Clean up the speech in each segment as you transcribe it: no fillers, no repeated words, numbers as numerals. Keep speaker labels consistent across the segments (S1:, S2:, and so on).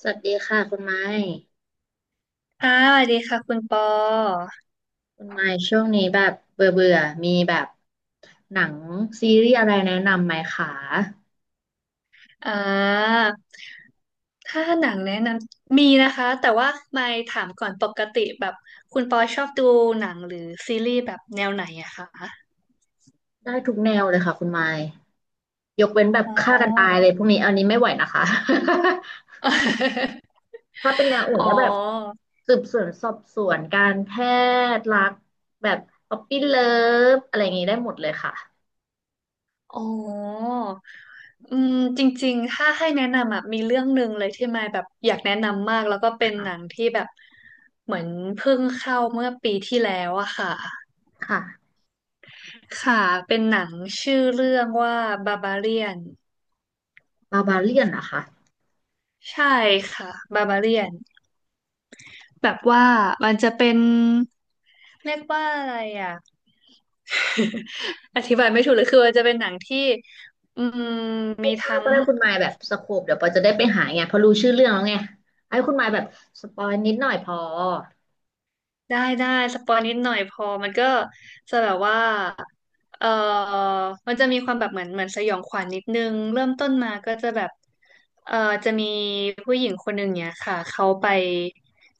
S1: สวัสดีค่ะคุณไม้
S2: ค่ะสวัสดีค่ะคุณปอ
S1: คุณไม้ช่วงนี้แบบเบื่อเบื่อมีแบบหนังซีรีส์อะไรแนะนำไหมคะ
S2: อ่าถ้าหนังแนะนำมีนะคะแต่ว่าไม่ถามก่อนปกติแบบคุณปอชอบดูหนังหรือซีรีส์แบบแนวไหนอะคะ
S1: ได้ทุกแนวเลยค่ะคุณไม้ยกเว้นแบบ
S2: อ๋
S1: ฆ่ากันตาย
S2: อ
S1: เลยพวกนี้อันนี้ไม่ไหวนะคะ ถ้าเป็นแนวอื่
S2: อ๋
S1: นก็แบบ
S2: อ
S1: สืบสวนสอบสวนการแพทย์รักแบบป๊อปปี้เลิฟอะไรอย่างนี้ได้หมดเลยค่ะ
S2: อ๋อจริงๆถ้าให้แนะนำอะมีเรื่องหนึ่งเลยที่ไม่แบบอยากแนะนำมากแล้วก็เป็นหนังที่แบบเหมือนเพิ่งเข้าเมื่อปีที่แล้วอะค่ะ
S1: ค่ะ
S2: ค่ะ เป็นหนังชื่อเรื่องว่าบาบาเลียน
S1: บาบาเลียนนะคะ
S2: ใช่ค่ะบาบาเลียนแบบว่ามันจะเป็นเรียกว่าอะไรอ่ะ อธิบายไม่ถูกเลยคือมันจะเป็นหนังที่อืมมี
S1: คร่าว
S2: ทั้
S1: ๆ
S2: ง
S1: ก็ได้คุณมายแบบสโคปเดี๋ยวปอจะได้ไปหาไงเพอรู้ชื่อเรื่องแล้วไงให้คุณมายแบบสปอยนิดหน่อยพอ
S2: ได้ได้สปอยนิดหน่อยพอมันก็จะแบบว่าเออมันจะมีความแบบเหมือนสยองขวัญนิดนึงเริ่มต้นมาก็จะแบบเออจะมีผู้หญิงคนหนึ่งเนี่ยค่ะเขาไป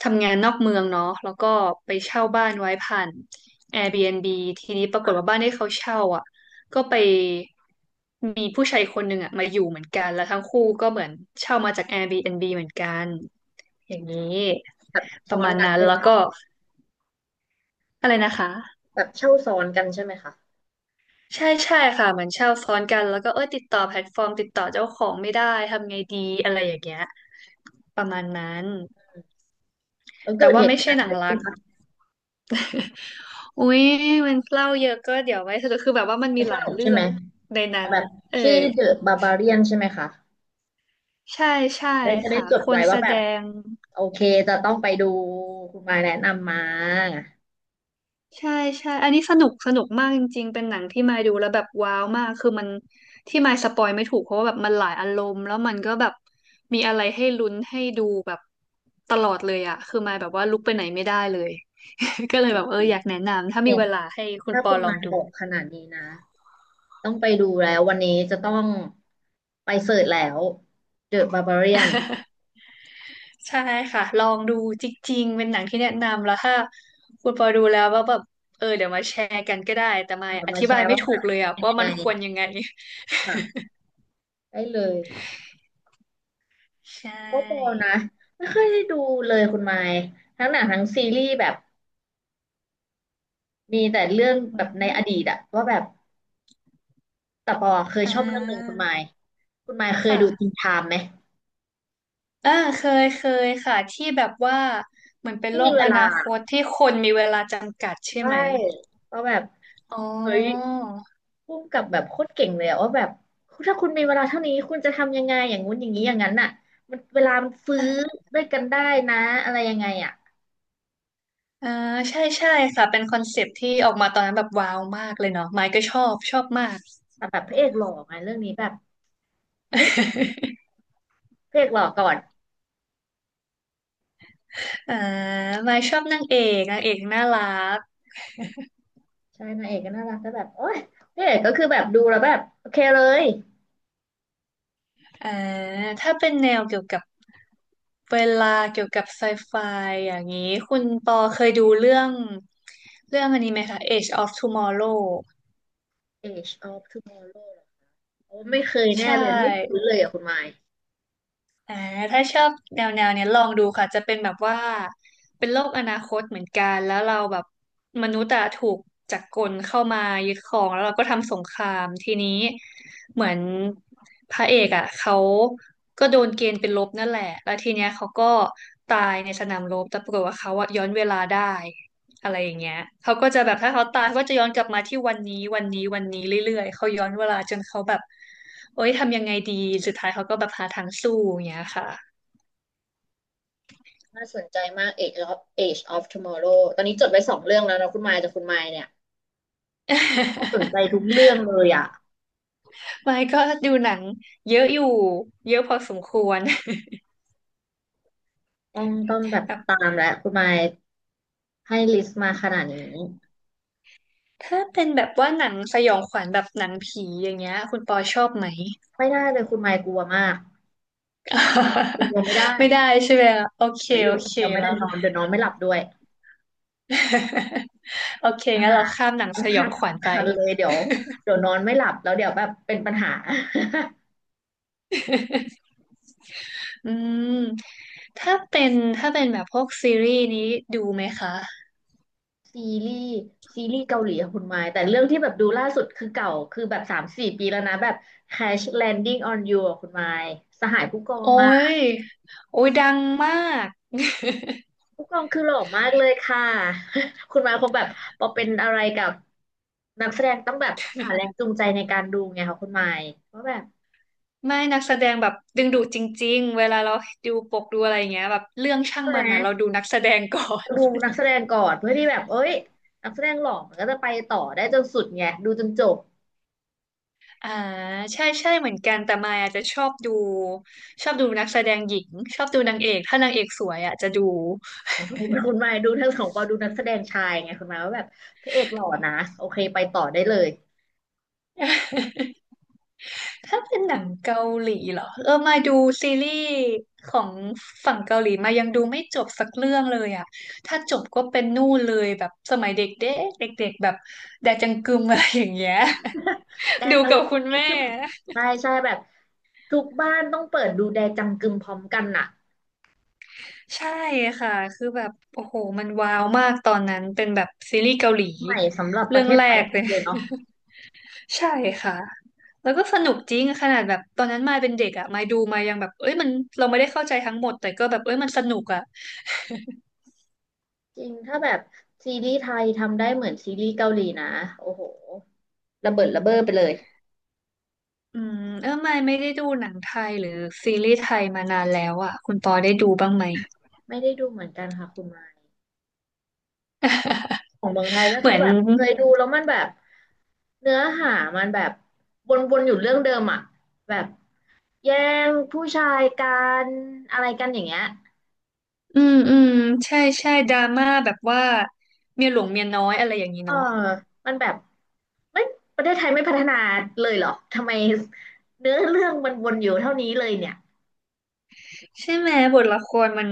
S2: ทำงานนอกเมืองเนาะแล้วก็ไปเช่าบ้านไว้ผ่าน a i r b บีแอนด์บีทีนี้ปรากฏว่า
S1: ค่ะ
S2: บ้านที่เขาเช่าอ่ะก็ไปมีผู้ชายคนหนึ่งอ่ะมาอยู่เหมือนกันแล้วทั้งคู่ก็เหมือนเช่ามาจาก a i r b บีแอนด์บีเหมือนกันอย่างนี้
S1: แบบ
S2: ป
S1: ซ้อ
S2: ระ
S1: น
S2: มาณ
S1: กัน
S2: นั้น
S1: เป็น
S2: แล้ว
S1: แบบ
S2: ก็ อะไรนะคะ
S1: แบบเช่าซ้อนกันใช่ไหมคะ
S2: ใช่ใช่ค่ะเหมือนเช่าซ้อนกันแล้วก็เอ้ยติดต่อแพลตฟอร์มติดต่อเจ้าของไม่ได้ทำไงดีอะไรอย่างเงี้ยประมาณนั้น
S1: แล้ว
S2: แต่
S1: เกิด
S2: ว่า
S1: เหตุ
S2: ไม่
S1: กา
S2: ใช่
S1: รณ์
S2: ห
S1: อะ
S2: นั
S1: ไร
S2: งรั
S1: ขึ้น
S2: ก
S1: คะ
S2: อุ๊ยมันเล่าเยอะก็เดี๋ยวไว้สรุปคือแบบว่ามันมี
S1: ไม่ส
S2: หลาย
S1: นุก
S2: เรื่
S1: ใช่
S2: อ
S1: ไหม
S2: งในนั้น
S1: แบบ
S2: เออ
S1: ชื่อเดอะบาบาเรียนใช่ไหมคะ
S2: ใช่ใช่
S1: ได้จะได้
S2: ค่ะ
S1: จด
S2: คน
S1: ไว้
S2: แส
S1: ว่าแบ
S2: ด
S1: บ
S2: ง
S1: โอเคจะต้องไปดูคุณมายแนะนำมาเน
S2: ใช่ใช่ อันนี้สนุกสนุกมากจริงๆเป็นหนังที่มายดูแล้วแบบว้าวมากคือมันที่มายสปอยไม่ถูกเพราะว่าแบบมันหลายอารมณ์แล้วมันก็แบบมีอะไรให้ลุ้นให้ดูแบบตลอดเลยอะคือมายแบบว่าลุกไปไหนไม่ได้เลย ก็เลยแบบอยากแนะนำถ้ามี
S1: ี่ย
S2: เวลาให้คุณ
S1: ถ้า
S2: ปอ
S1: คุณ
S2: ลอ
S1: มา
S2: ง
S1: ย
S2: ดู
S1: บอกขนาดนี้นะต้องไปดูแล้ววันนี้จะต้องไปเสิร์ชแล้ว The Barbarian เดอะบาบาเรียน
S2: ใช่ค่ะลองดูจริงๆเป็นหนังที่แนะนำแล้วถ้าคุณปอดูแล้วว่าแบบเดี๋ยวมาแชร์กันก็ได้แต่มายอ
S1: มา
S2: ธิ
S1: แช
S2: บาย
S1: ร์
S2: ไม่
S1: ว่า
S2: ถูกเล
S1: ไ
S2: ยอะ
S1: ง
S2: ว่ามันควรยังไง
S1: ค่ะได้เลย
S2: ใช
S1: โอ้โป
S2: ่
S1: นะไม่ค่อยได้ดูเลยคุณไมค์ทั้งหนังทั้งซีรีส์แบบมีแต่เรื่องแบ
S2: อื
S1: บในอดี
S2: ม
S1: ตอะว่าแบบแต่ปอเคย
S2: อ่
S1: ชอบเรื่องหนึ่งคุ
S2: า
S1: ณไมค์คุณไมค์เคยดูจริน
S2: ค่ะ
S1: ไทม์ไหม
S2: อ่าเคยเคยค่ะ ที่แบบว่า เหมือนเป็น
S1: ที่
S2: โล
S1: มี
S2: ก
S1: เว
S2: อนา
S1: ลา
S2: คตที่คนมีเวลาจำกัดใช่
S1: ใช่
S2: ไหม
S1: ก็แบบ
S2: อ๋อ
S1: เฮ้ยพุ่งกับแบบโคตรเก่งเลยอะว่าแบบถ้าคุณมีเวลาเท่านี้คุณจะทำยังไงอย่างงู้นอย่างนี้อย่างนั้นอะมันเวลามันฟื้อด้วยกันได้นะอะไรยังไงอะ
S2: อ่าใช่ใช่ค่ะเป็นคอนเซปต์ที่ออกมาตอนนั้นแบบว้าวมากเลยเนาะไมค์ก็ชอบ ชอบมาก
S1: แต่แบบพระเอกหล่อไงเรื่องนี้แบบเฮ้ย พระเอกหล่อก่อน
S2: อ่าไมค์ชอบนางเอกนางเอกน่ารัก
S1: ใช่นางเอกก็น่ารักแต่แบบโอ๊ยนางเอกก็คือแบบดูแล้วแบบโอเคเลย
S2: อ่าถ้าเป็นแนวเกี่ยวกับเวลาเกี่ยวกับไซไฟอย่างนี้ คุณปอเคยดูเรื่องอันนี้ไหมคะ Age of Tomorrow
S1: Age of Tomorrow อโอ้ไม่เคย
S2: ใช
S1: แน่เลยไม่คุ้น
S2: ่
S1: เลยอ่ะคุณไมค์
S2: อ่าถ้าชอบแนวเนี้ยลองดูค่ะ จะเป็นแบบว่า เป็นโลกอนาคตเหมือนกัน แล้วเราแบบมนุษย์อะถูกจักรกลเข้ามายึดครองแล้วเราก็ทำสงคราม ทีนี้เหมือนพระเอกอะเขาก็โดนเกณฑ์เป็นลบนั่นแหละ แล้วทีเนี้ยเขาก็ตายในสนามรบแต่ปรากฏว่าเขาอะย้อนเวลาได้ อะไรอย่างเงี้ยเขาก็จะแบบถ้าเขาตายเขาก็จะย้อนกลับมาที่วันนี้วันนี้วันนี้เรื่อยๆเขาย้อนเวลาจนเขาแบบโอ๊ยทำยังไงดีสุดท้ายเขาก็แบบหาทางสู้อย่างเงี้ยค่ะ
S1: น่าสนใจมาก Age of Age of Tomorrow ตอนนี้จดไว้สองเรื่องแล้วนะคุณไมค์แต่คุณไมค์เนี่ยก็สนใจทุก เรื่องเลยอ่ะ
S2: ไม่ก็ดูหนังเยอะอยู่เยอะพอสมควร
S1: ต้องแบ บ
S2: แบบ
S1: ตามแล้วคุณไมค์ให้ลิสต์มาขนาดนี้
S2: ถ้าเป็นแบบว่าหนังสยองขวัญแบบหนังผีอย่างเงี้ยคุณปอชอบไหม
S1: ไม่ได้เลยคุณไมค์กลัวมากคนเดียวไม่ได้
S2: ไม่ได้ใช่ไหมอะโอเค
S1: เดี๋ยวอยู่
S2: โอ
S1: คน
S2: เค
S1: เดียวไม่ได้
S2: แล้ว
S1: นอนเดี๋ยวนอนไม่หลับด้วย
S2: โอเค
S1: ปัญ
S2: งั้น
S1: หา
S2: เราข้ามหนัง
S1: ปั
S2: ส
S1: ญ
S2: ยอ
S1: หา
S2: งขวัญ
S1: สำ
S2: ไป
S1: คัญเลยเดี๋ยวนอนไม่หลับแล้วเดี๋ยวแบบเป็นปัญหา
S2: อืมถ้าเป็นถ้าเป็นแบบพวกซีรีส์นี้ดูไหมคะ
S1: ซีรีส์ซีรีส์เกาหลีอะคุณไม้แต่เรื่องที่แบบดูล่าสุดคือเก่าคือแบบสามสี่ปีแล้วนะแบบ Crash Landing on You อะคุณไม้สหายผู้กอ
S2: โอ้
S1: งอะ
S2: ยโอ้ยดังมาก
S1: ผู้กองคือหล่อมากเลยค่ะ คุณไม้คงแบบพอเป็นอะไรกับนักแสดงต้องแบบหาแรงจูงใจในการดูไงค่ะคุณไม้เพราะแบบ
S2: ไม่นักแสดงแบบดึงดูดจริงๆเวลาเราดูปกดูอะไรอย่างเงี้ยแบบเรื่องช่าง
S1: ใช่ไห
S2: มั
S1: ม
S2: นนะเราดูนักแสดงก่อน
S1: ดูนักแสดงก่อนเพื่อที่แบบเอ้ยนักแสดงหล่อมันก็จะไปต่อได้จนสุดไงดูจนจบ
S2: อ่าใช่ใช่เหมือนกันแต่มายอาจจะชอบดูนักแสดงหญิงชอบดูนางเอกถ้านางเอกสวยอ่ะจะดู
S1: อ๋อคุณมายดูทั้งสองปอดูนักแสดงชายไงคุณมายว่าแบบพระเอกหล่อนะโอเคไปต่อได้เลย
S2: ถ้าเป็นหนังเกาหลีเหรอมาดูซีรีส์ของฝั่งเกาหลีมายังดูไม่จบสักเรื่องเลยอ่ะถ้าจบก็เป็นนู่นเลยแบบสมัยเด็กเด็กเด็กๆแบบแดจังกึม อะไรอย่างเงี้ย
S1: แด
S2: ดู
S1: จัง
S2: กับคุณแม่
S1: ใช่ใช่แบบทุกบ้านต้องเปิดดูแดจังกึมพร้อมกันน่ะ
S2: ใช่ค่ะคือแบบโอ้โหมันว้าวมากตอนนั้นเป็นแบบซีรีส์เกาหลี
S1: ใหม่สำหรับป
S2: เรื่
S1: ระ
S2: อง
S1: เทศ
S2: แร
S1: ไทย
S2: กเล
S1: มาก
S2: ย
S1: เลยเนาะ
S2: ใช่ค่ะแล้วก็สนุกจริงขนาดแบบตอนนั้นมายเป็นเด็กอ่ะมายดูมายยังแบบเอ้ยมันเราไม่ได้เข้าใจทั้งหมดแต่ก็แบบเอ้ยมันสนุกอ่ะ
S1: จริงถ้าแบบซีรีส์ไทยทำได้เหมือนซีรีส์เกาหลีนะโอ้โหระเบิดระเบ้อไปเลย
S2: ไม่ได้ดูหนังไทยหรือซีรีส์ไทยมานานแล้วอ่ะคุณปอได้ดูบ้างไหม
S1: ไม่ได้ดูเหมือนกันค่ะคุณมายของเมืองไทยก็
S2: เห
S1: คื
S2: มื
S1: อ
S2: อน
S1: แบบเคยดูแล้วมันแบบเนื้อหามันแบบวนๆอยู่เรื่องเดิมอ่ะแบบ แย่งผู้ชายกันอะไรกันอย่างเงี้ย
S2: อืมอืมใช่ใช่ดราม่าแบบว่าเมียหลวงเมียน้อยอะไรอย่างนี้
S1: เออ
S2: เนาะ
S1: มันแบบไม่ประเทศไทยไม่พัฒนาเลยเหรอทำไมเนื้อเรื่องมันวนอยู่เท่านี้เลยเนี่ย
S2: ใช่ไหมบทละครมัน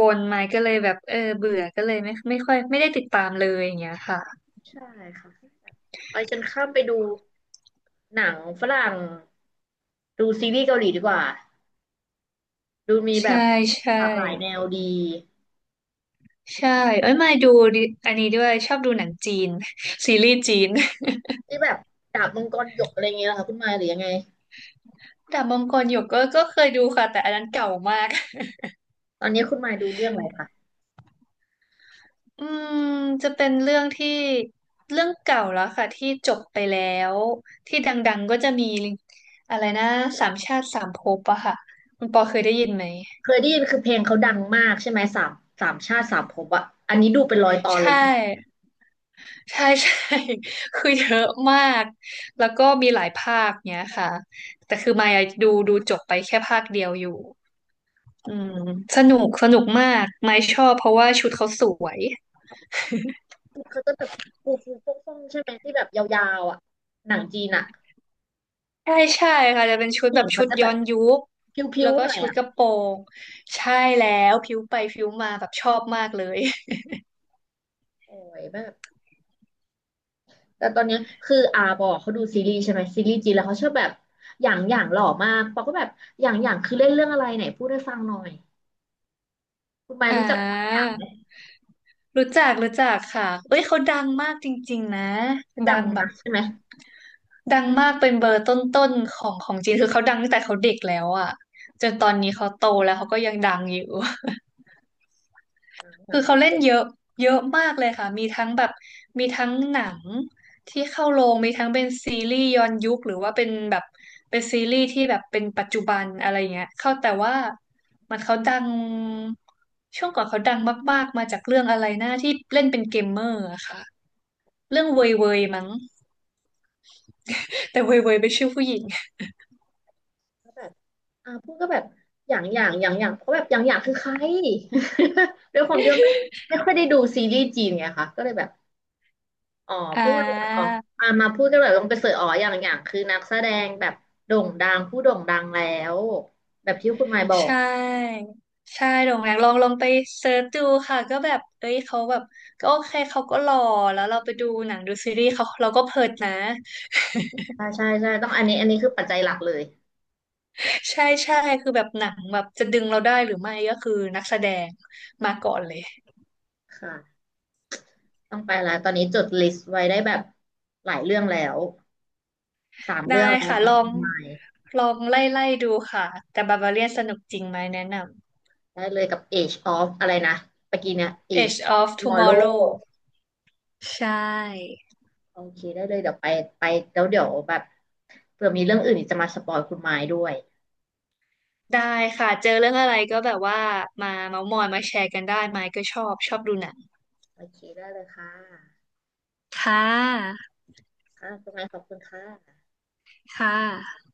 S2: วนๆมาก็เลยแบบเออเบื่อก็เลยไม่ค่อยไม่ได้ติดตามเลยอย่างเงี้ยค่ะ
S1: ใช่ค่ะไปฉันข้ามไปดูหนังฝรั่งดูซีรีส์เกาหลีดีกว่าดูมีแบ
S2: ใช่
S1: บ
S2: ใช่
S1: หลากหลายแนวดี
S2: ใช่เอ้ยมาดูดิอันนี้ด้วยชอบดูหนังจีน ซีรีส์จีน
S1: ที่แบบดาบมังกรหยกอะไรเงี้ยเหรอคะคุณมายหรือยังไง
S2: ดาบมังกรหยกก็เคยดูค่ะแต่อันนั้นเก่ามาก
S1: ตอนนี้คุณมายดูเรื่องอะไรคะ
S2: อืมจะเป็นเรื่องที่เรื่องเก่าแล้วค่ะที่จบไปแล้วที่ดังๆก็จะมีอะไรนะสามชาติสามภพอะค่ะคุณปอเคยได้ยินไหม
S1: เคยได้ยินคือเพลงเขาดังมากใช่ไหมสามสามชาติสามภพอะอันนี้ดูเป็นร้อยตอนเล
S2: ใช่
S1: ย
S2: ใช่ ใช่ คือเยอะมากแล้วก็มีหลายภาคเนี้ยค่ะแต่คือมายดูจบไปแค่ภาคเดียวอยู่อืมสนุกสนุกมากมายชอบเพราะว่าชุดเขาสวย
S1: เขาจะแบบฟูฟูฟ่องฟ่องใช่ไหมที่แบบยาวๆอ่ะหนังจีนอ่ะ
S2: ใช่ใช่ค่ะจะเป็นชุด
S1: ผู้ห
S2: แบ
S1: ญิ
S2: บ
S1: ง
S2: ชุ
S1: เขา
S2: ด
S1: จะแบ
S2: ย้อ
S1: บ
S2: นยุค
S1: พิ้
S2: แล้
S1: ว
S2: ว
S1: ๆ
S2: ก็
S1: หน่อย
S2: ชุด
S1: อ่ะ
S2: กระโปรงใช่แล้วผิวไปผิวมาแบบชอบมากเลย
S1: โอ้ยแบบแต่ตอนเนี้ยคืออาบอกเขาดูซีรีส์ใช่ไหมซีรีส์จีนแล้วเขาชอบแบบอย่างอย่างหล่อมากปอก็แบบอย่างอย่างคือเล่นเรื่องอะไรไหนพูดให้ฟังหน่อยคุณไมาย
S2: อ่
S1: รู้จักอย่างอย่า
S2: า
S1: งไหม
S2: รู้จักค่ะเอ้ยเขาดังมากจริงๆนะ
S1: ดั
S2: ดั
S1: ง
S2: งแบบ
S1: นะใช่ไหม
S2: ดังมากเป็นเบอร์ต้นๆของจีนคือเขาดังตั้งแต่เขาเด็กแล้วอ่ะจนตอนนี้เขาโตแล้วเขาก็ยังดังอยู่
S1: อย่างอ
S2: คือเขา
S1: ย่าง
S2: เล่นเยอะเยอะมากเลยค่ะ มีทั้งแบบมีทั้งหนังที่เข้าโรงมีทั้งเป็นซีรีส์ย้อนยุคหรือว่าเป็นแบบเป็นซีรีส์ที่แบบเป็นปัจจุบันอะไรเงี้ยเข้าแต่ว่ามันเขาดังช่วงก่อนเขาดังมากๆมาจากเรื่องอะไรนะที่เล่นเป็นเกมเมอร์อะค่ะเรื่องเวยเวยมั้งแต่เวยเวยเป็นชื่อผู้หญิง
S1: ก็แบบอาพูดก็แบบอย่างอย่างอย่างอย่างเพราะแบบอย่างอย่างคือใคร ด้วยความที่ว่าไม่ค่อยได้ดูซีรีส์จีนไงคะก็เลยแบบ อ๋อ
S2: อ่
S1: เพิ่งมาอ๋อ
S2: า
S1: อ่ามาพูดกันแบบลงไปเสิร์ชอ๋ออย่างอย่างคือนักแสดงแบบโด่งดังผู้โด่งดังแล้วแบบที่คุณหมายบอ
S2: ใช
S1: ก
S2: ่ ใช่โด่งดังลองไปเซิร์ชดูค่ะ ก็แบบเอ้ยเขาแบบก็โอเคเขาก็หล่อแล้วเราไปดูหนังดูซีรีส์เขา เราก็เพลิดนะ
S1: ใช่ใช่ใช่ต้องอันนี้คือปัจจัยหลักเลย
S2: ใช่ใช่คือแบบหนังแบบจะดึงเราได้หรือไม่ ก็คือนักแสดง มาก่อนเลย
S1: ค่ะต้องไปแล้วตอนนี้จดลิสต์ไว้ได้แบบหลายเรื่องแล้วสาม
S2: ได้
S1: เรื่องแล้ว
S2: ค่ะ
S1: จา
S2: ล
S1: ก
S2: อ
S1: คุ
S2: ง
S1: ณหมาย
S2: ลองไล่ดูค่ะ แต่บาบาเลียนสนุกจริงไหม แนะน
S1: ได้เลยกับ Age of อะไรนะเมื่อกี้เนี่ย
S2: ำ
S1: Age
S2: Edge
S1: of
S2: of
S1: Tomorrow
S2: Tomorrow ใช่
S1: โอเคได้เลยเดี๋ยวไปไปแล้วเดี๋ยวแบบเผื่อมีเรื่องอื่นอีกจะมาสปอยคุณหมายด้วย
S2: ได้ค่ะ เจอเรื่องอะไรก็แบบว่า มาเมาท์มอยมาแชร์กันได้ไหมก็ชอบดูหนัง
S1: โอเคได้เลยค่ะ
S2: ค่ะ
S1: ค่ะคุณหมายขอบคุณค่ะ
S2: ค่ะ